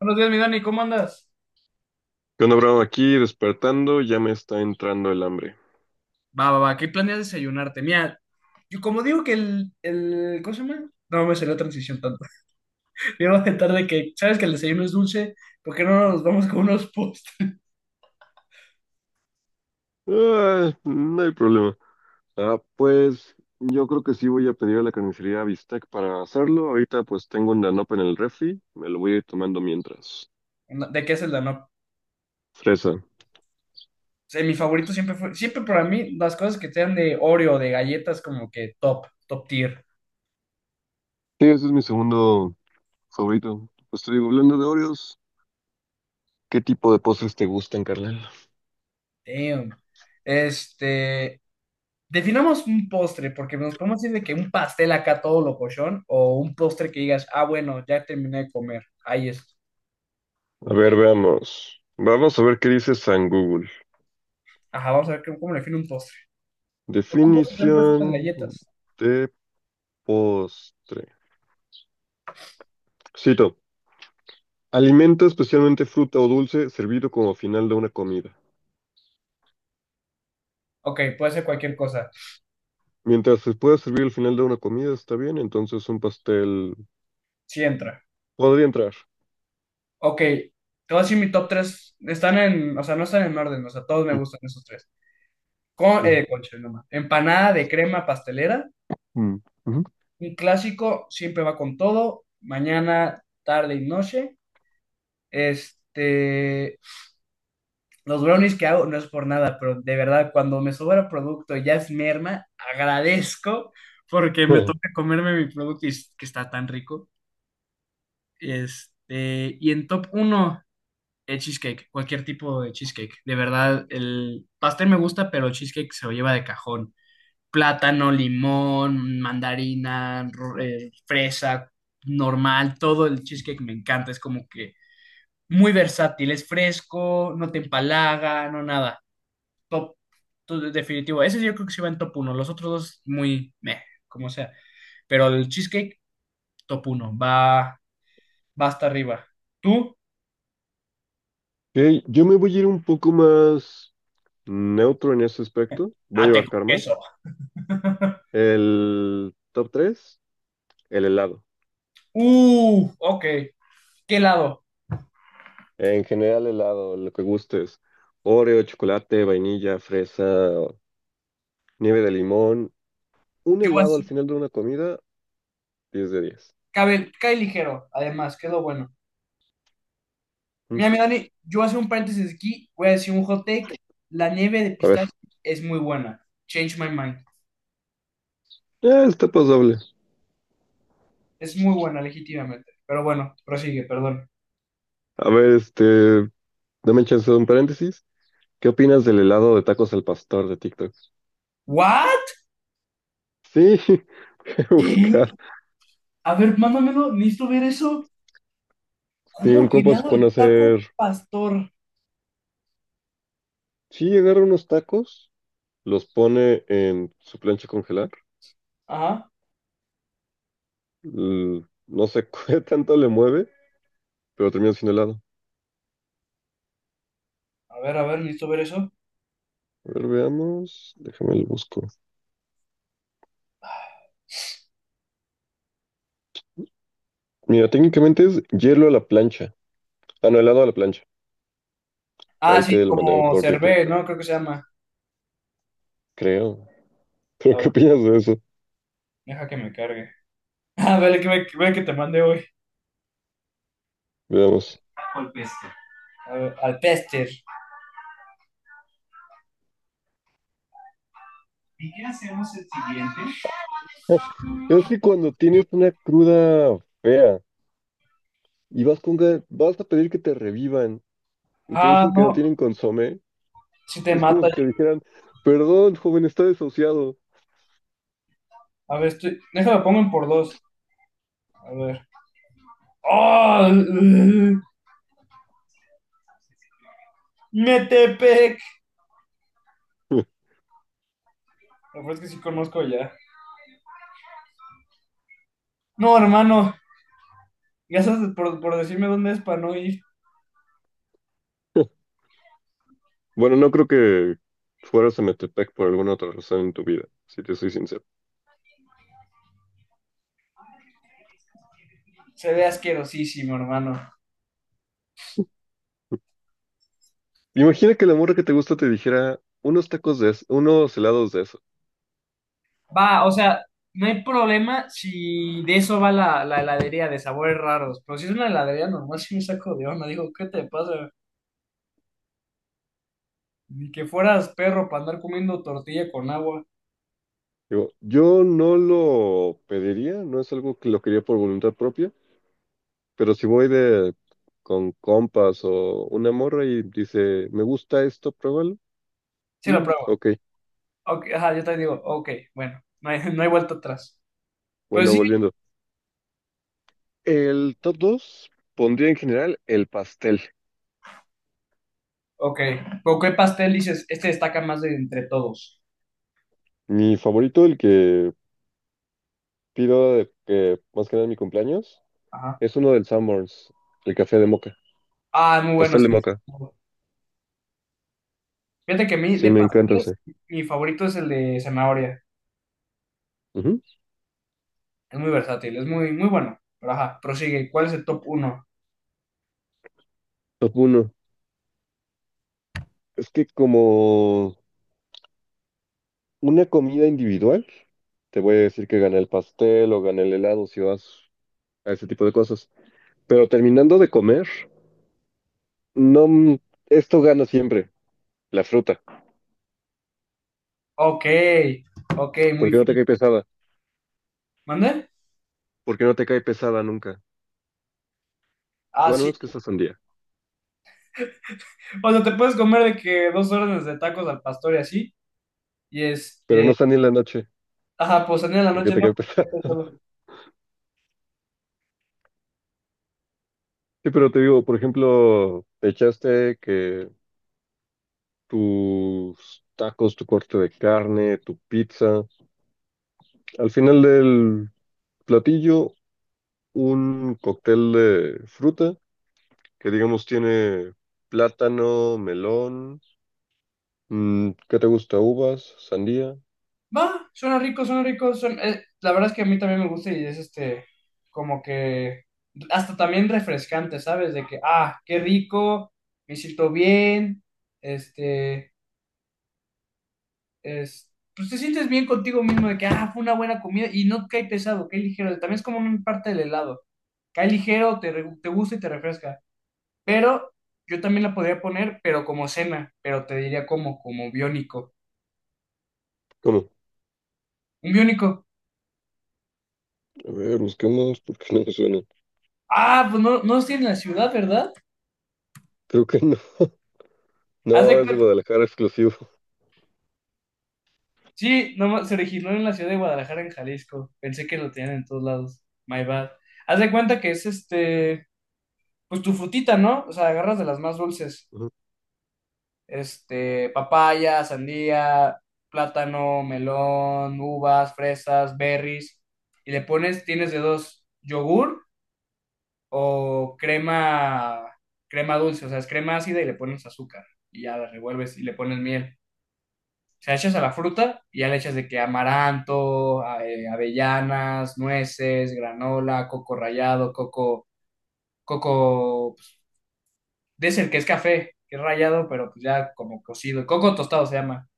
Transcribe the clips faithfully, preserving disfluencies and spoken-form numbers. Buenos días, mi Dani, ¿cómo andas? ¿Qué onda, Bravo? Aquí despertando, ya me está entrando el hambre. Va, va, va, ¿qué planeas desayunarte? Mira, yo como digo que el, el ¿cómo se llama? No me salió la transición tanto. Me iba a tentar de que, ¿sabes que el desayuno es dulce? ¿Por qué no nos vamos con unos postres? Ah, no hay problema. Ah, pues yo creo que sí voy a pedir a la carnicería bistec para hacerlo. Ahorita pues tengo un Danope en el refri, me lo voy a ir tomando mientras. No, ¿de qué es el no? Fresa. Mi favorito siempre fue, siempre para mí, las cosas que sean de Oreo, de galletas, como que top, top tier. Sí, ese es mi segundo favorito. Pues te digo, hablando de Oreos, ¿qué tipo de postres te gustan, carnal? Damn. Este, Definamos un postre, porque nos podemos decir de que un pastel acá todo locochón, o un postre que digas, ah, bueno, ya terminé de comer, ahí es. A ver, veamos. Vamos a ver qué dice San Google. Ajá, vamos a ver cómo cómo le define un postre. ¿Por qué un postre también puede ser las Definición galletas? de postre. Cito. Alimento, especialmente fruta o dulce, servido como final de una comida. Ok, puede ser cualquier cosa. Mientras se pueda servir al final de una comida, está bien, entonces un pastel Sí entra. podría entrar. Ok, te voy a decir mi top tres. Están en, o sea, no están en orden, o sea, todos me Mm, gustan esos tres. Con, mm, eh, concha, no más. Empanada de crema pastelera. mm, mm. Un clásico, siempre va con todo. Mañana, tarde y noche. Este, los brownies que hago no es por nada, pero de verdad, cuando me sobra producto y ya es merma, agradezco porque me Oh. toca comerme mi producto y es que está tan rico. Este, y en top uno el cheesecake, cualquier tipo de cheesecake. De verdad, el pastel me gusta, pero el cheesecake se lo lleva de cajón. Plátano, limón, mandarina, ro- eh, fresa, normal, todo el cheesecake me encanta. Es como que muy versátil, es fresco, no te empalaga, no nada. Top, to- definitivo. Ese yo creo que se va en top uno. Los otros dos, muy meh, como sea. Pero el cheesecake, top uno va, va hasta arriba. ¿Tú? Ok, yo me voy a ir un poco más neutro en ese aspecto. Voy a Ate con abarcar más. queso. El top tres, el helado. Uh, ok. ¿Qué lado? En general, helado, lo que gustes. Oreo, chocolate, vainilla, fresa, nieve de limón. Un Yo helado así, al final de una comida, diez de diez. cabe, cae ligero, además, que es lo bueno. Mm. Mira, mi Dani, yo voy a hacer un paréntesis aquí, voy a decir un hot take. La nieve de A ver, pistache es muy buena. Change my mind. Eh, está pasable. Es muy buena, legítimamente. Pero bueno, prosigue, perdón. A ver, este, dame chance de un paréntesis. ¿Qué opinas del helado de tacos al pastor de TikTok? ¿What? Sí, voy a ¿Qué? buscar. A ver, mándamelo, necesito ver eso. Si ¿Cómo un que compa se lado de pone a taco hacer, pastor? sí, agarra unos tacos, los pone en su plancha a congelar. Ajá. L- No sé qué tanto le mueve, pero termina siendo helado. A ver, a ver, necesito ver eso. A ver, veamos. Déjame lo busco. Mira, técnicamente es hielo a la plancha. Ah, no, helado a la plancha. Ah, Ahí sí, te lo mandé como por TikTok, cervé, ¿no? Creo que se llama. creo. A ¿Pero qué ver, opinas de eso? deja que me cargue. Ah, vale, que, me- que- vale que te mande hoy. Veamos. A ver, al Pester. ¿Y qué hacemos el siguiente? Es que cuando tienes una cruda fea y vas con ga- vas a pedir que te revivan y te Ah, dicen que no no. tienen consomé, Si te es como mata. si te dijeran, perdón, joven, está desahuciado. A ver, estoy. Déjame pongo en por dos. A ver. ¡Oh! ¡Metepec! La verdad es que sí conozco ya. No, hermano. Gracias por, por decirme dónde es para no ir. Bueno, no creo que fueras a Metepec por alguna otra razón en tu vida, si te soy sincero. Se ve asquerosísimo, hermano. Imagina que la morra que te gusta te dijera unos tacos de eso, unos helados de eso. Va, o sea, no hay problema si de eso va la, la heladería de sabores raros. Pero si es una heladería normal, sí me saco de onda. Digo, ¿qué te pasa? Ni que fueras perro para andar comiendo tortilla con agua. Digo, yo no lo pediría, no es algo que lo quería por voluntad propia. Pero si voy de con compas o una morra y dice, me gusta esto, pruébalo. Sí, lo Mm, pruebo. ok, Ok, ajá, yo te digo, ok, bueno, no hay, no hay vuelta atrás. Pero bueno, sí, volviendo. El top dos pondría en general el pastel. ok. ¿Con qué pastel dices? Este destaca más de entre todos. Mi favorito, el que pido de que más que nada en mi cumpleaños, Ajá. es uno del Sanborns, el café de moca, Ah, muy bueno, pastel de sí. moca. Fíjate que a mí, Sí, de me encanta pasteles, ese. mi favorito es el de zanahoria. Ujú. Es muy versátil, es muy, muy bueno. Pero ajá, prosigue. ¿Cuál es el top uno? Top uno. Es que como una comida individual, te voy a decir que gané el pastel o gané el helado si vas a ese tipo de cosas. Pero terminando de comer, no, esto gana siempre, la fruta. Ok, ok, muy Porque no te fin. cae pesada, ¿Mande? porque no te cae pesada nunca. Ah, Bueno, sí. no es que esta sandía, O sea, te puedes comer de que dos órdenes de tacos al pastor y así. Y pero no este. está ni en la noche, Ajá, pues salir en la porque noche, te ¿no? cae pesada. Porque solo- Sí, pero te digo, por ejemplo, te echaste que tus tacos, tu corte de carne, tu pizza, al final del platillo, un cóctel de fruta que digamos tiene plátano, melón, mm, ¿qué te gusta? Uvas, sandía. Va, suena rico, suena rico. Suena- eh, la verdad es que a mí también me gusta y es este, como que, hasta también refrescante, ¿sabes? De que, ah, qué rico, me siento bien, este, es, pues te sientes bien contigo mismo de que, ah, fue una buena comida y no cae pesado, cae ligero. También es como una parte del helado. Cae ligero, te, re- te gusta y te refresca. Pero yo también la podría poner, pero como cena, pero te diría como, como biónico. ¿Cómo? Un biónico. A ver, busquemos porque no me suenan. Ah, pues no, no estoy en la ciudad, ¿verdad? Creo que no. Haz de No, es de cuenta. Guadalajara exclusivo. Sí, nomás se originó en la ciudad de Guadalajara, en Jalisco. Pensé que lo tenían en todos lados. My bad. Haz de cuenta que es este, pues tu frutita, ¿no? O sea, agarras de las más dulces. Ujú. Este, papaya, sandía, plátano, melón, uvas, fresas, berries. Y le pones, tienes de dos, yogur o crema, crema dulce. O sea, es crema ácida y le pones azúcar. Y ya la revuelves y le pones miel. Sea, echas a la fruta y ya le echas de que amaranto, a- eh, avellanas, nueces, granola, coco rallado, coco, coco, pues, dicen que es café, que es rallado, pero pues ya como cocido, coco tostado se llama.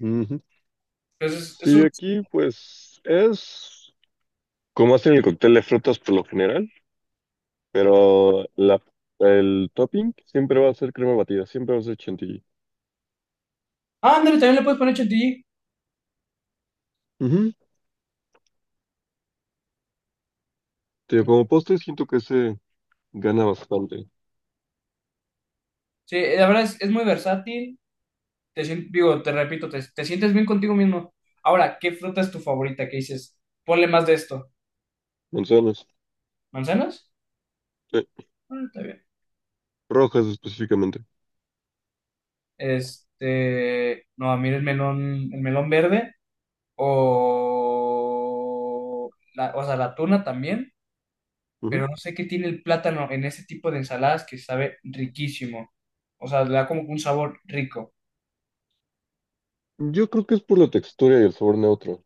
Ujú. Entonces, es Sí, un... aquí pues es como hacen el cóctel de frutas por lo general, pero la, el topping siempre va a ser crema batida, siempre va a ser chantilly. Ah, ándale, también le puedes poner chantilly. Ujú. Tío, como postre siento que se gana bastante. Sí, la verdad es, es muy versátil. Te, sien- digo, te repito, te, te sientes bien contigo mismo. Ahora, ¿qué fruta es tu favorita? ¿Qué dices? Ponle más de esto. Manzanas, ¿Manzanas? eh, Ah, está bien. rojas específicamente. Este, no, a mí el melón, el melón verde. O, la, o sea, la tuna también, Ujú. pero no sé qué tiene el plátano en ese tipo de ensaladas que sabe riquísimo. O sea, le da como un sabor rico. Yo creo que es por la textura y el sabor neutro.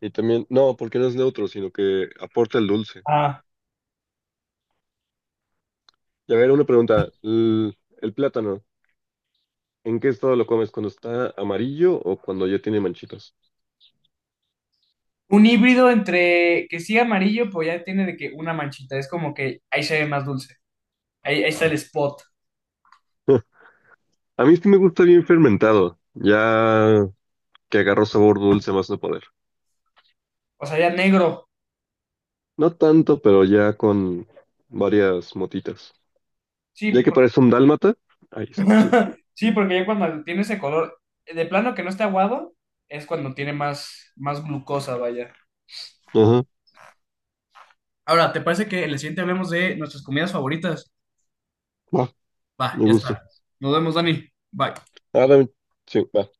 Y también, no, porque no es neutro, sino que aporta el dulce. Ah, Y a ver, una pregunta. El, el plátano, ¿en qué estado lo comes? ¿Cuando está amarillo o cuando ya tiene manchitas? un híbrido entre que sí amarillo, pues ya tiene de que una manchita, es como que ahí se ve más dulce. Ahí, ahí está el spot. A mí sí me gusta bien fermentado, ya que agarró sabor dulce más no poder. O sea, ya negro. No tanto, pero ya con varias motitas. Sí, Ya pues, que porque, parece un dálmata, ahí está chido. sí, porque ya cuando tiene ese color, eh, de plano que no está aguado, es cuando tiene más, más glucosa, vaya. Ajá, Ahora, ¿te parece que en el siguiente hablemos de nuestras comidas favoritas? va, Va, me ya gusta. está. Nos vemos, Dani. Bye. Ah, también, sí, va.